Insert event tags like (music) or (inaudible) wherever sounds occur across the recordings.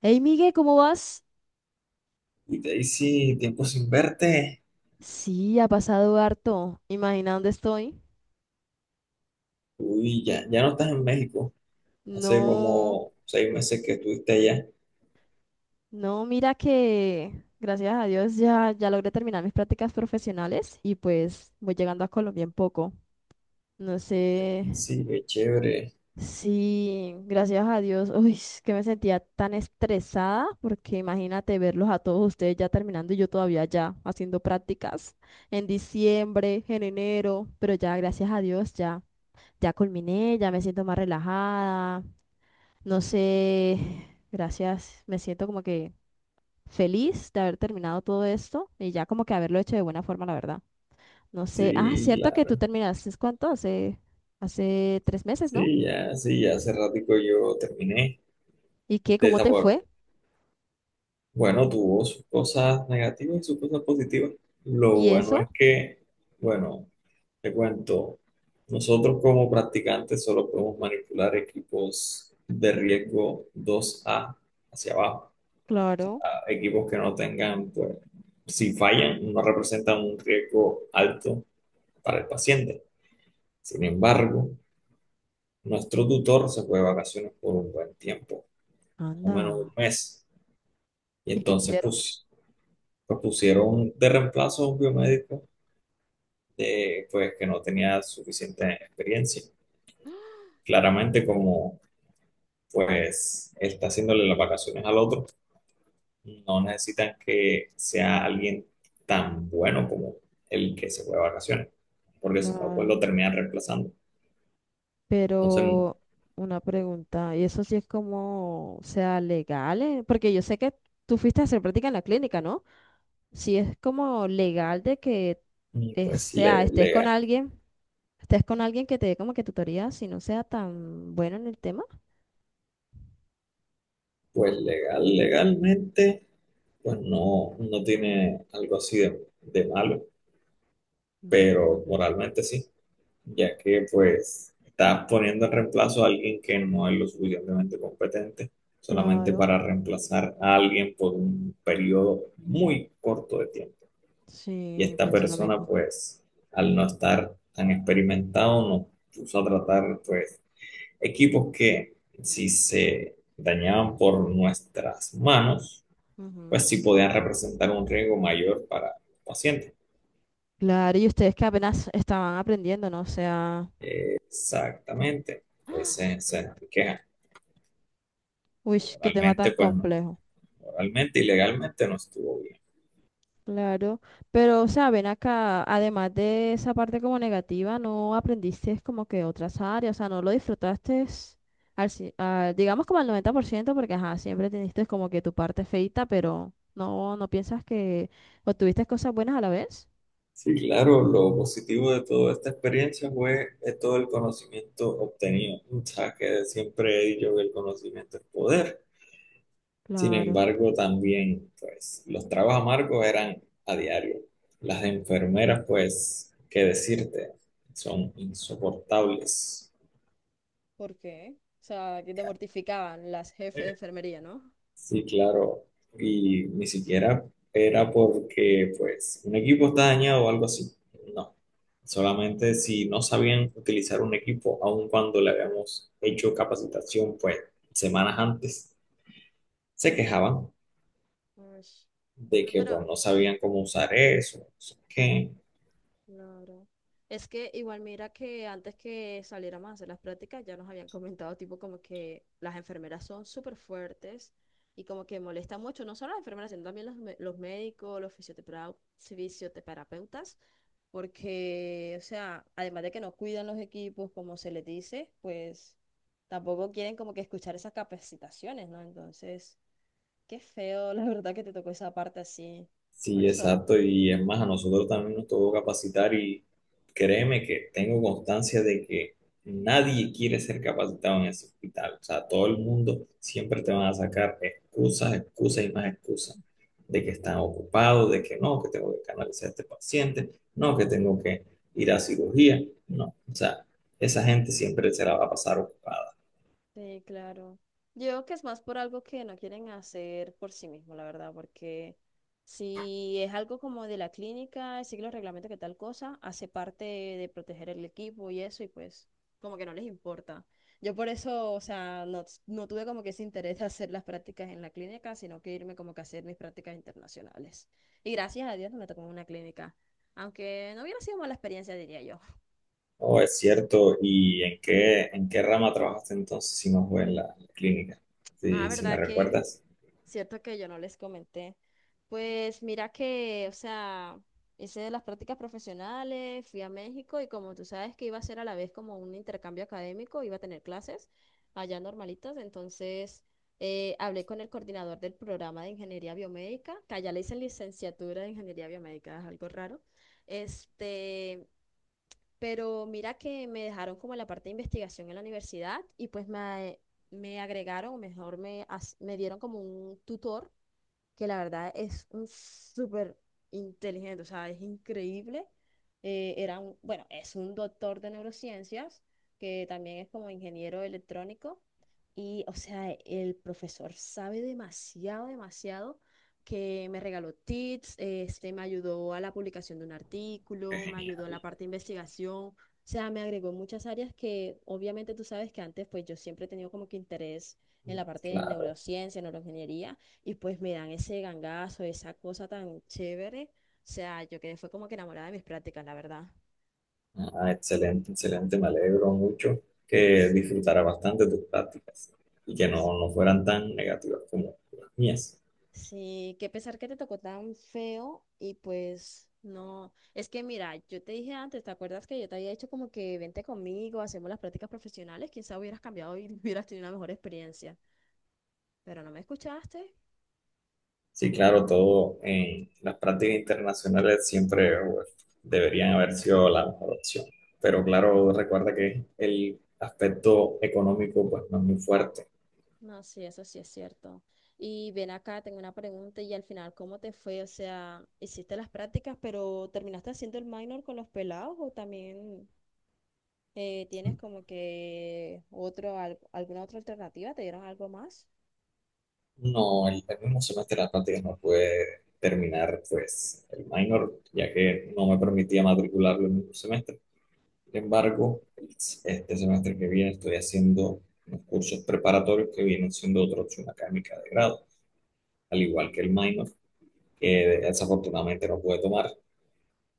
Hey, Miguel, ¿cómo vas? Y Daisy, tiempo sin verte. Sí, ha pasado harto. Imagina dónde estoy. Uy, ya, ya no estás en México. Hace No, como seis meses que estuviste allá. no, mira que gracias a Dios ya logré terminar mis prácticas profesionales y pues voy llegando a Colombia en poco. No sé Sí, qué chévere. si, gracias a Dios, uy, es que me sentía tan estresada porque imagínate verlos a todos ustedes ya terminando y yo todavía ya haciendo prácticas en diciembre, en enero, pero ya gracias a Dios ya. Ya culminé, ya me siento más relajada. No sé, (sighs) gracias. Me siento como que feliz de haber terminado todo esto y ya como que haberlo hecho de buena forma, la verdad. No sé. Ah, Sí, cierto que tú claro. terminaste, ¿cuánto? Hace 3 meses, ¿no? Sí, ya, sí, ya hace ratico yo terminé ¿Y qué? de ¿Cómo esa te forma. fue? Bueno, tuvo sus cosas negativas y sus cosas positivas. Lo ¿Y bueno eso? es que, bueno, te cuento, nosotros como practicantes solo podemos manipular equipos de riesgo 2A hacia abajo. Claro. Equipos que no tengan, pues, si fallan, no representan un riesgo alto para el paciente. Sin embargo, nuestro tutor se fue de vacaciones por un buen tiempo, más o menos Anda. un mes, y ¿Y qué entonces hicieron? pues, pusieron de reemplazo a un biomédico de, pues, que no tenía suficiente experiencia. Claramente, como pues él está haciéndole las vacaciones al otro, no necesitan que sea alguien tan bueno como el que se fue de vacaciones, porque si no, pues lo Claro. terminan reemplazando. Entonces, Pero una pregunta, ¿y eso sí es como, o sea, legal? Porque yo sé que tú fuiste a hacer práctica en la clínica, ¿no? Si es como legal de que pues, sea, legal, estés con alguien que te dé como que tutoría, si no sea tan bueno en el tema. Legalmente, pues no, no tiene algo así de malo, Mm. pero moralmente sí, ya que pues estás poniendo en reemplazo a alguien que no es lo suficientemente competente, solamente Claro, para reemplazar a alguien por un periodo muy corto de tiempo. Y sí, esta pienso lo persona mismo. pues al no estar tan experimentado nos puso a tratar pues equipos que si se dañaban por nuestras manos Ujú. pues sí podían representar un riesgo mayor para el paciente. Claro, y ustedes que apenas estaban aprendiendo, ¿no? O sea, Exactamente, (gasps) ese es el queja. uy, qué tema Moralmente tan pues no, complejo. moralmente y legalmente no estuvo bien. Claro, pero, o sea, ven acá, además de esa parte como negativa, no aprendiste como que otras áreas, o sea, no lo disfrutaste digamos como al 90%? Porque, ajá, siempre teniste como que tu parte feita, pero no piensas que obtuviste cosas buenas a la vez. Sí, claro, lo positivo de toda esta experiencia fue todo el conocimiento obtenido. O sea, que siempre he dicho que el conocimiento es poder. Sin Claro. embargo, también, pues, los tragos amargos eran a diario. Las enfermeras, pues, qué decirte, son insoportables. ¿Por qué? O sea, que te mortificaban las jefes de enfermería, ¿no? Sí, claro. Y ni siquiera era porque, pues, un equipo está dañado o algo así. No. Solamente si no sabían utilizar un equipo, aun cuando le habíamos hecho capacitación, pues, semanas antes, se quejaban Ush. de No, que, pero pues, no sabían cómo usar eso, no sé qué. Claro. Es que igual mira que antes que saliéramos a hacer las prácticas ya nos habían comentado tipo como que las enfermeras son súper fuertes y como que molesta mucho, no solo las enfermeras, sino también los médicos, los fisioterapeutas, porque, o sea, además de que no cuidan los equipos como se les dice, pues tampoco quieren como que escuchar esas capacitaciones, ¿no? Entonces, qué feo, (laughs) la verdad que te tocó esa parte así. Por Sí, eso... exacto. Y es más, a nosotros también nos tocó capacitar y créeme que tengo constancia de que nadie quiere ser capacitado en ese hospital. O sea, todo el mundo siempre te van a sacar excusas, excusas y más excusas de que Sí. están ocupados, de que no, que tengo que canalizar a este paciente, no, que tengo que ir a cirugía. No, o sea, esa gente siempre se la va a pasar ocupada. Sí, claro. Yo creo que es más por algo que no quieren hacer por sí mismo, la verdad, porque si es algo como de la clínica, sigue los reglamentos que tal cosa, hace parte de proteger el equipo y eso, y pues como que no les importa. Yo por eso, o sea, no tuve como que ese interés de hacer las prácticas en la clínica, sino que irme como que a hacer mis prácticas internacionales. Y gracias a Dios no me tocó en una clínica, aunque no hubiera sido mala experiencia, diría yo. Oh, es cierto. ¿Y en qué rama trabajaste entonces si no fue en la clínica? Ah, Si, si me ¿verdad que... recuerdas. Cierto que yo no les comenté. Pues mira que, o sea, hice las prácticas profesionales, fui a México y como tú sabes que iba a ser a la vez como un intercambio académico, iba a tener clases allá normalitas, entonces hablé con el coordinador del programa de ingeniería biomédica, que allá le dicen licenciatura de ingeniería biomédica, es algo raro. Este, pero mira que me dejaron como la parte de investigación en la universidad y pues me agregaron, o mejor me dieron como un tutor que la verdad es un súper inteligente, o sea, es increíble. Era un, bueno, es un doctor de neurociencias, que también es como ingeniero electrónico, y, o sea, el profesor sabe demasiado, demasiado, que me regaló tips, este, me ayudó a la publicación de un Qué artículo, me ayudó en la genial, parte de investigación, o sea, me agregó muchas áreas que obviamente tú sabes que antes, pues yo siempre he tenido como que interés en la parte de claro. neurociencia, neuroingeniería, y pues me dan ese gangazo, esa cosa tan chévere, o sea, yo quedé, fue como que enamorada de mis prácticas, la verdad. Ah, excelente, excelente. Me alegro mucho que disfrutara bastante tus prácticas y que no, no fueran tan negativas como las mías. Sí, qué pesar que te tocó tan feo y pues no, es que mira, yo te dije antes, ¿te acuerdas que yo te había dicho como que vente conmigo, hacemos las prácticas profesionales? Quizá hubieras cambiado y (laughs) hubieras tenido una mejor experiencia, pero no me escuchaste. Sí, claro, todo en las prácticas internacionales siempre pues, deberían haber sido la mejor opción. Pero claro, recuerda que el aspecto económico pues no es muy fuerte. No, sí, eso sí es cierto. Y ven acá, tengo una pregunta y al final, ¿cómo te fue? O sea, hiciste las prácticas, pero ¿terminaste haciendo el minor con los pelados o también tienes como que otro, alguna otra alternativa? ¿Te dieron algo más? No, el mismo semestre de las prácticas no pude terminar pues el minor, ya que no me permitía matricularlo el mismo semestre. Sin embargo, este semestre que viene estoy haciendo unos cursos preparatorios que vienen siendo otra opción académica de grado, al igual que Mm. el minor, que desafortunadamente no pude tomar,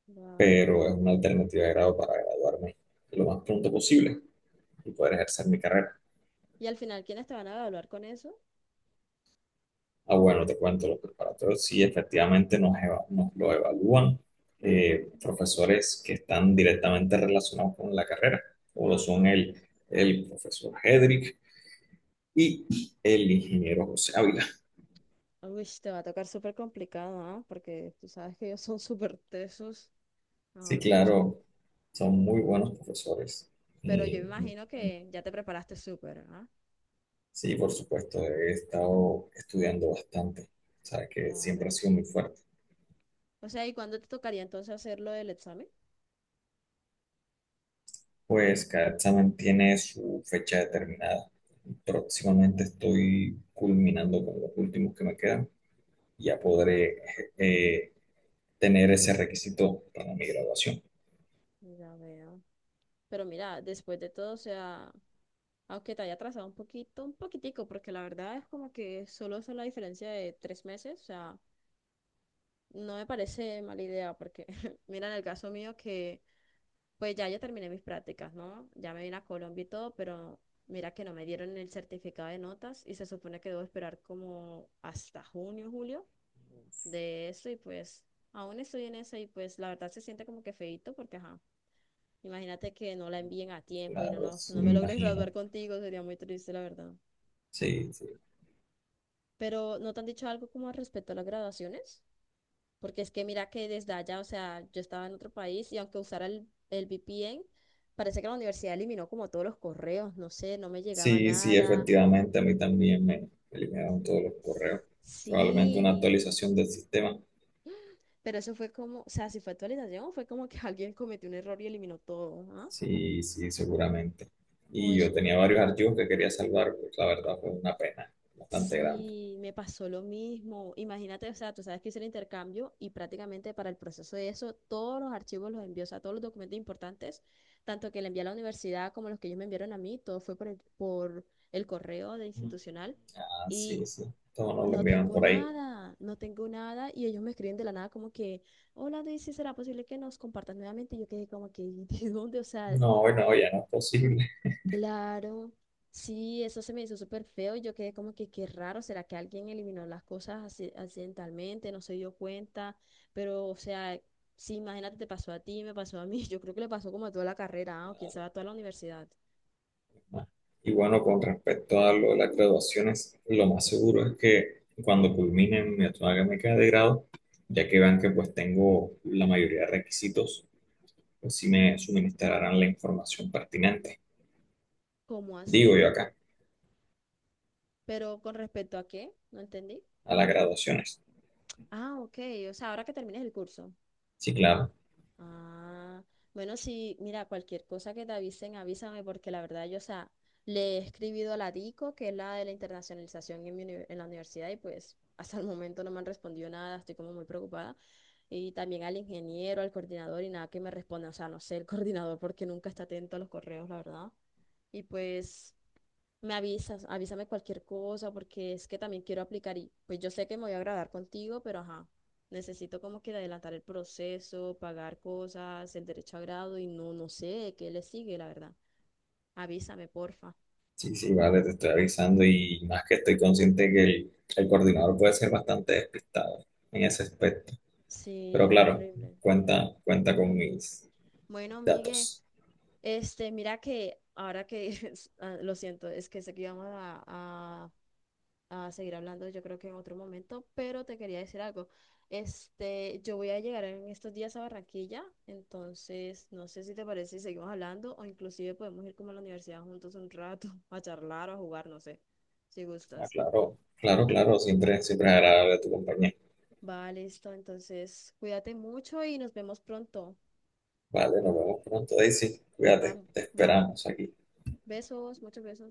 Claro. pero es una alternativa de grado para graduarme lo más pronto posible y poder ejercer mi carrera. Y al final, ¿quiénes te van a evaluar con eso? Ah, bueno, te cuento, los preparatorios sí efectivamente nos, nos lo evalúan profesores que están directamente relacionados con la carrera, como lo son Ajá. El profesor Hedrick y el ingeniero José Ávila. Uy, te va a tocar súper complicado, ¿ah? Porque tú sabes que ellos son súper tesos, Sí, mejor dicho. claro, son muy buenos profesores. Pero Y, yo mm, imagino mm, que ya te preparaste súper, ¿ah? sí, por supuesto, he estado estudiando bastante, o sea, que siempre ha Claro. sido muy fuerte. O sea, ¿y cuándo te tocaría entonces hacer lo del examen? Pues cada examen tiene su fecha determinada. Próximamente estoy culminando con los últimos que me quedan. Ya Mm. podré eh, tener ese requisito para mi graduación. Ya veo. Pero mira, después de todo, o sea, aunque te haya atrasado un poquito, un poquitico, porque la verdad es como que solo es la diferencia de 3 meses, o sea, no me parece mala idea, porque (laughs) mira en el caso mío que pues ya yo terminé mis prácticas, ¿no? Ya me vine a Colombia y todo, pero mira que no me dieron el certificado de notas y se supone que debo esperar como hasta junio, julio de eso y pues aún estoy en eso y pues la verdad se siente como que feíto porque, ajá, imagínate que no la envíen a tiempo y no, Claro, no, sí, no me me logres (laughs) graduar imagino. contigo, sería muy triste, la verdad. Sí, sí. Pero ¿no te han dicho algo como al respecto a las graduaciones? Porque es que mira que desde allá, o sea, yo estaba en otro país y aunque usara el VPN, parece que la universidad eliminó como todos los correos, no sé, no me llegaba Sí, sí, nada. efectivamente, a mí también me eliminaron todos los correos. Probablemente una Sí, actualización del sistema. pero eso fue como, o sea, si fue actualización, fue como que (laughs) alguien cometió un error y eliminó todo, ¿ah? Sí, sí, seguramente. Y Uy, yo tenía no. varios archivos que quería salvar, pues la verdad fue una pena bastante grande. Sí, me pasó lo mismo. Imagínate, o sea, tú sabes que hice el intercambio y prácticamente para el proceso de eso, todos los archivos los envió, o sea, todos los documentos importantes, tanto que le envié a la universidad como los que ellos me enviaron a mí, todo fue por el correo de Mm. institucional Ah, sí, y sí. Todos nos lo no enviaron tengo por ahí. nada, no tengo nada y ellos me escriben de la nada como que, hola, Daisy, ¿será posible que nos compartas nuevamente? Y yo quedé como que, (laughs) ¿de dónde? O sea, No, no, ya no es posible. claro, sí, eso se me hizo súper feo y yo quedé como que qué raro, ¿será que alguien eliminó las cosas accidentalmente, no se dio cuenta? Pero, o sea, sí, imagínate, te pasó a ti, me pasó a mí, (laughs) yo creo que le pasó como a toda la carrera, ah, o quién Claro, sabe a toda la universidad. no. Y bueno, con respecto a lo de las graduaciones, lo más seguro es que cuando culmine mi académica de grado, ya que vean que pues tengo la mayoría de requisitos pues sí me suministrarán la información pertinente, ¿Cómo digo así? yo acá, Pero con respecto a qué, no entendí. a las graduaciones. Ah, ok, o sea, ahora que termines el curso. Sí, claro, Ah, bueno, sí, mira, cualquier cosa que te avisen, avísame, porque la verdad yo, o sea, le he escribido a la DICO, que es la de la internacionalización en la universidad, y pues hasta el momento no me han respondido nada, estoy como muy preocupada. Y también al ingeniero, al coordinador, y nada que me responda, o sea, no sé, el (laughs) coordinador, porque nunca está atento a los correos, la verdad. Y pues me avisas, avísame cualquier cosa porque es que también quiero aplicar y pues yo sé que me voy a agradar contigo, pero ajá, necesito como que adelantar el proceso, pagar cosas, el derecho a grado y no sé qué le sigue, la verdad. Avísame, porfa. sí, sí, vale, te estoy avisando y más que estoy consciente que el coordinador puede ser bastante despistado en ese aspecto, Sí, pero es claro, horrible. cuenta, cuenta con mis Bueno, Migue, datos. este, mira que ahora que, (laughs) ah, lo siento, es que sé que íbamos a seguir hablando, yo creo que en otro momento, pero te quería decir algo. Este, yo voy a llegar en estos días a Barranquilla, entonces no sé si te parece si seguimos hablando o inclusive podemos ir como a la universidad juntos un rato (laughs) a charlar o a jugar, no sé, si Ah, gustas. claro, claro, claro, siempre, siempre es agradable tu compañía. Va, listo, entonces cuídate mucho y nos vemos pronto. Vale, nos vemos pronto, Daisy, Va, cuídate, te va. esperamos aquí. Besos, muchos besos.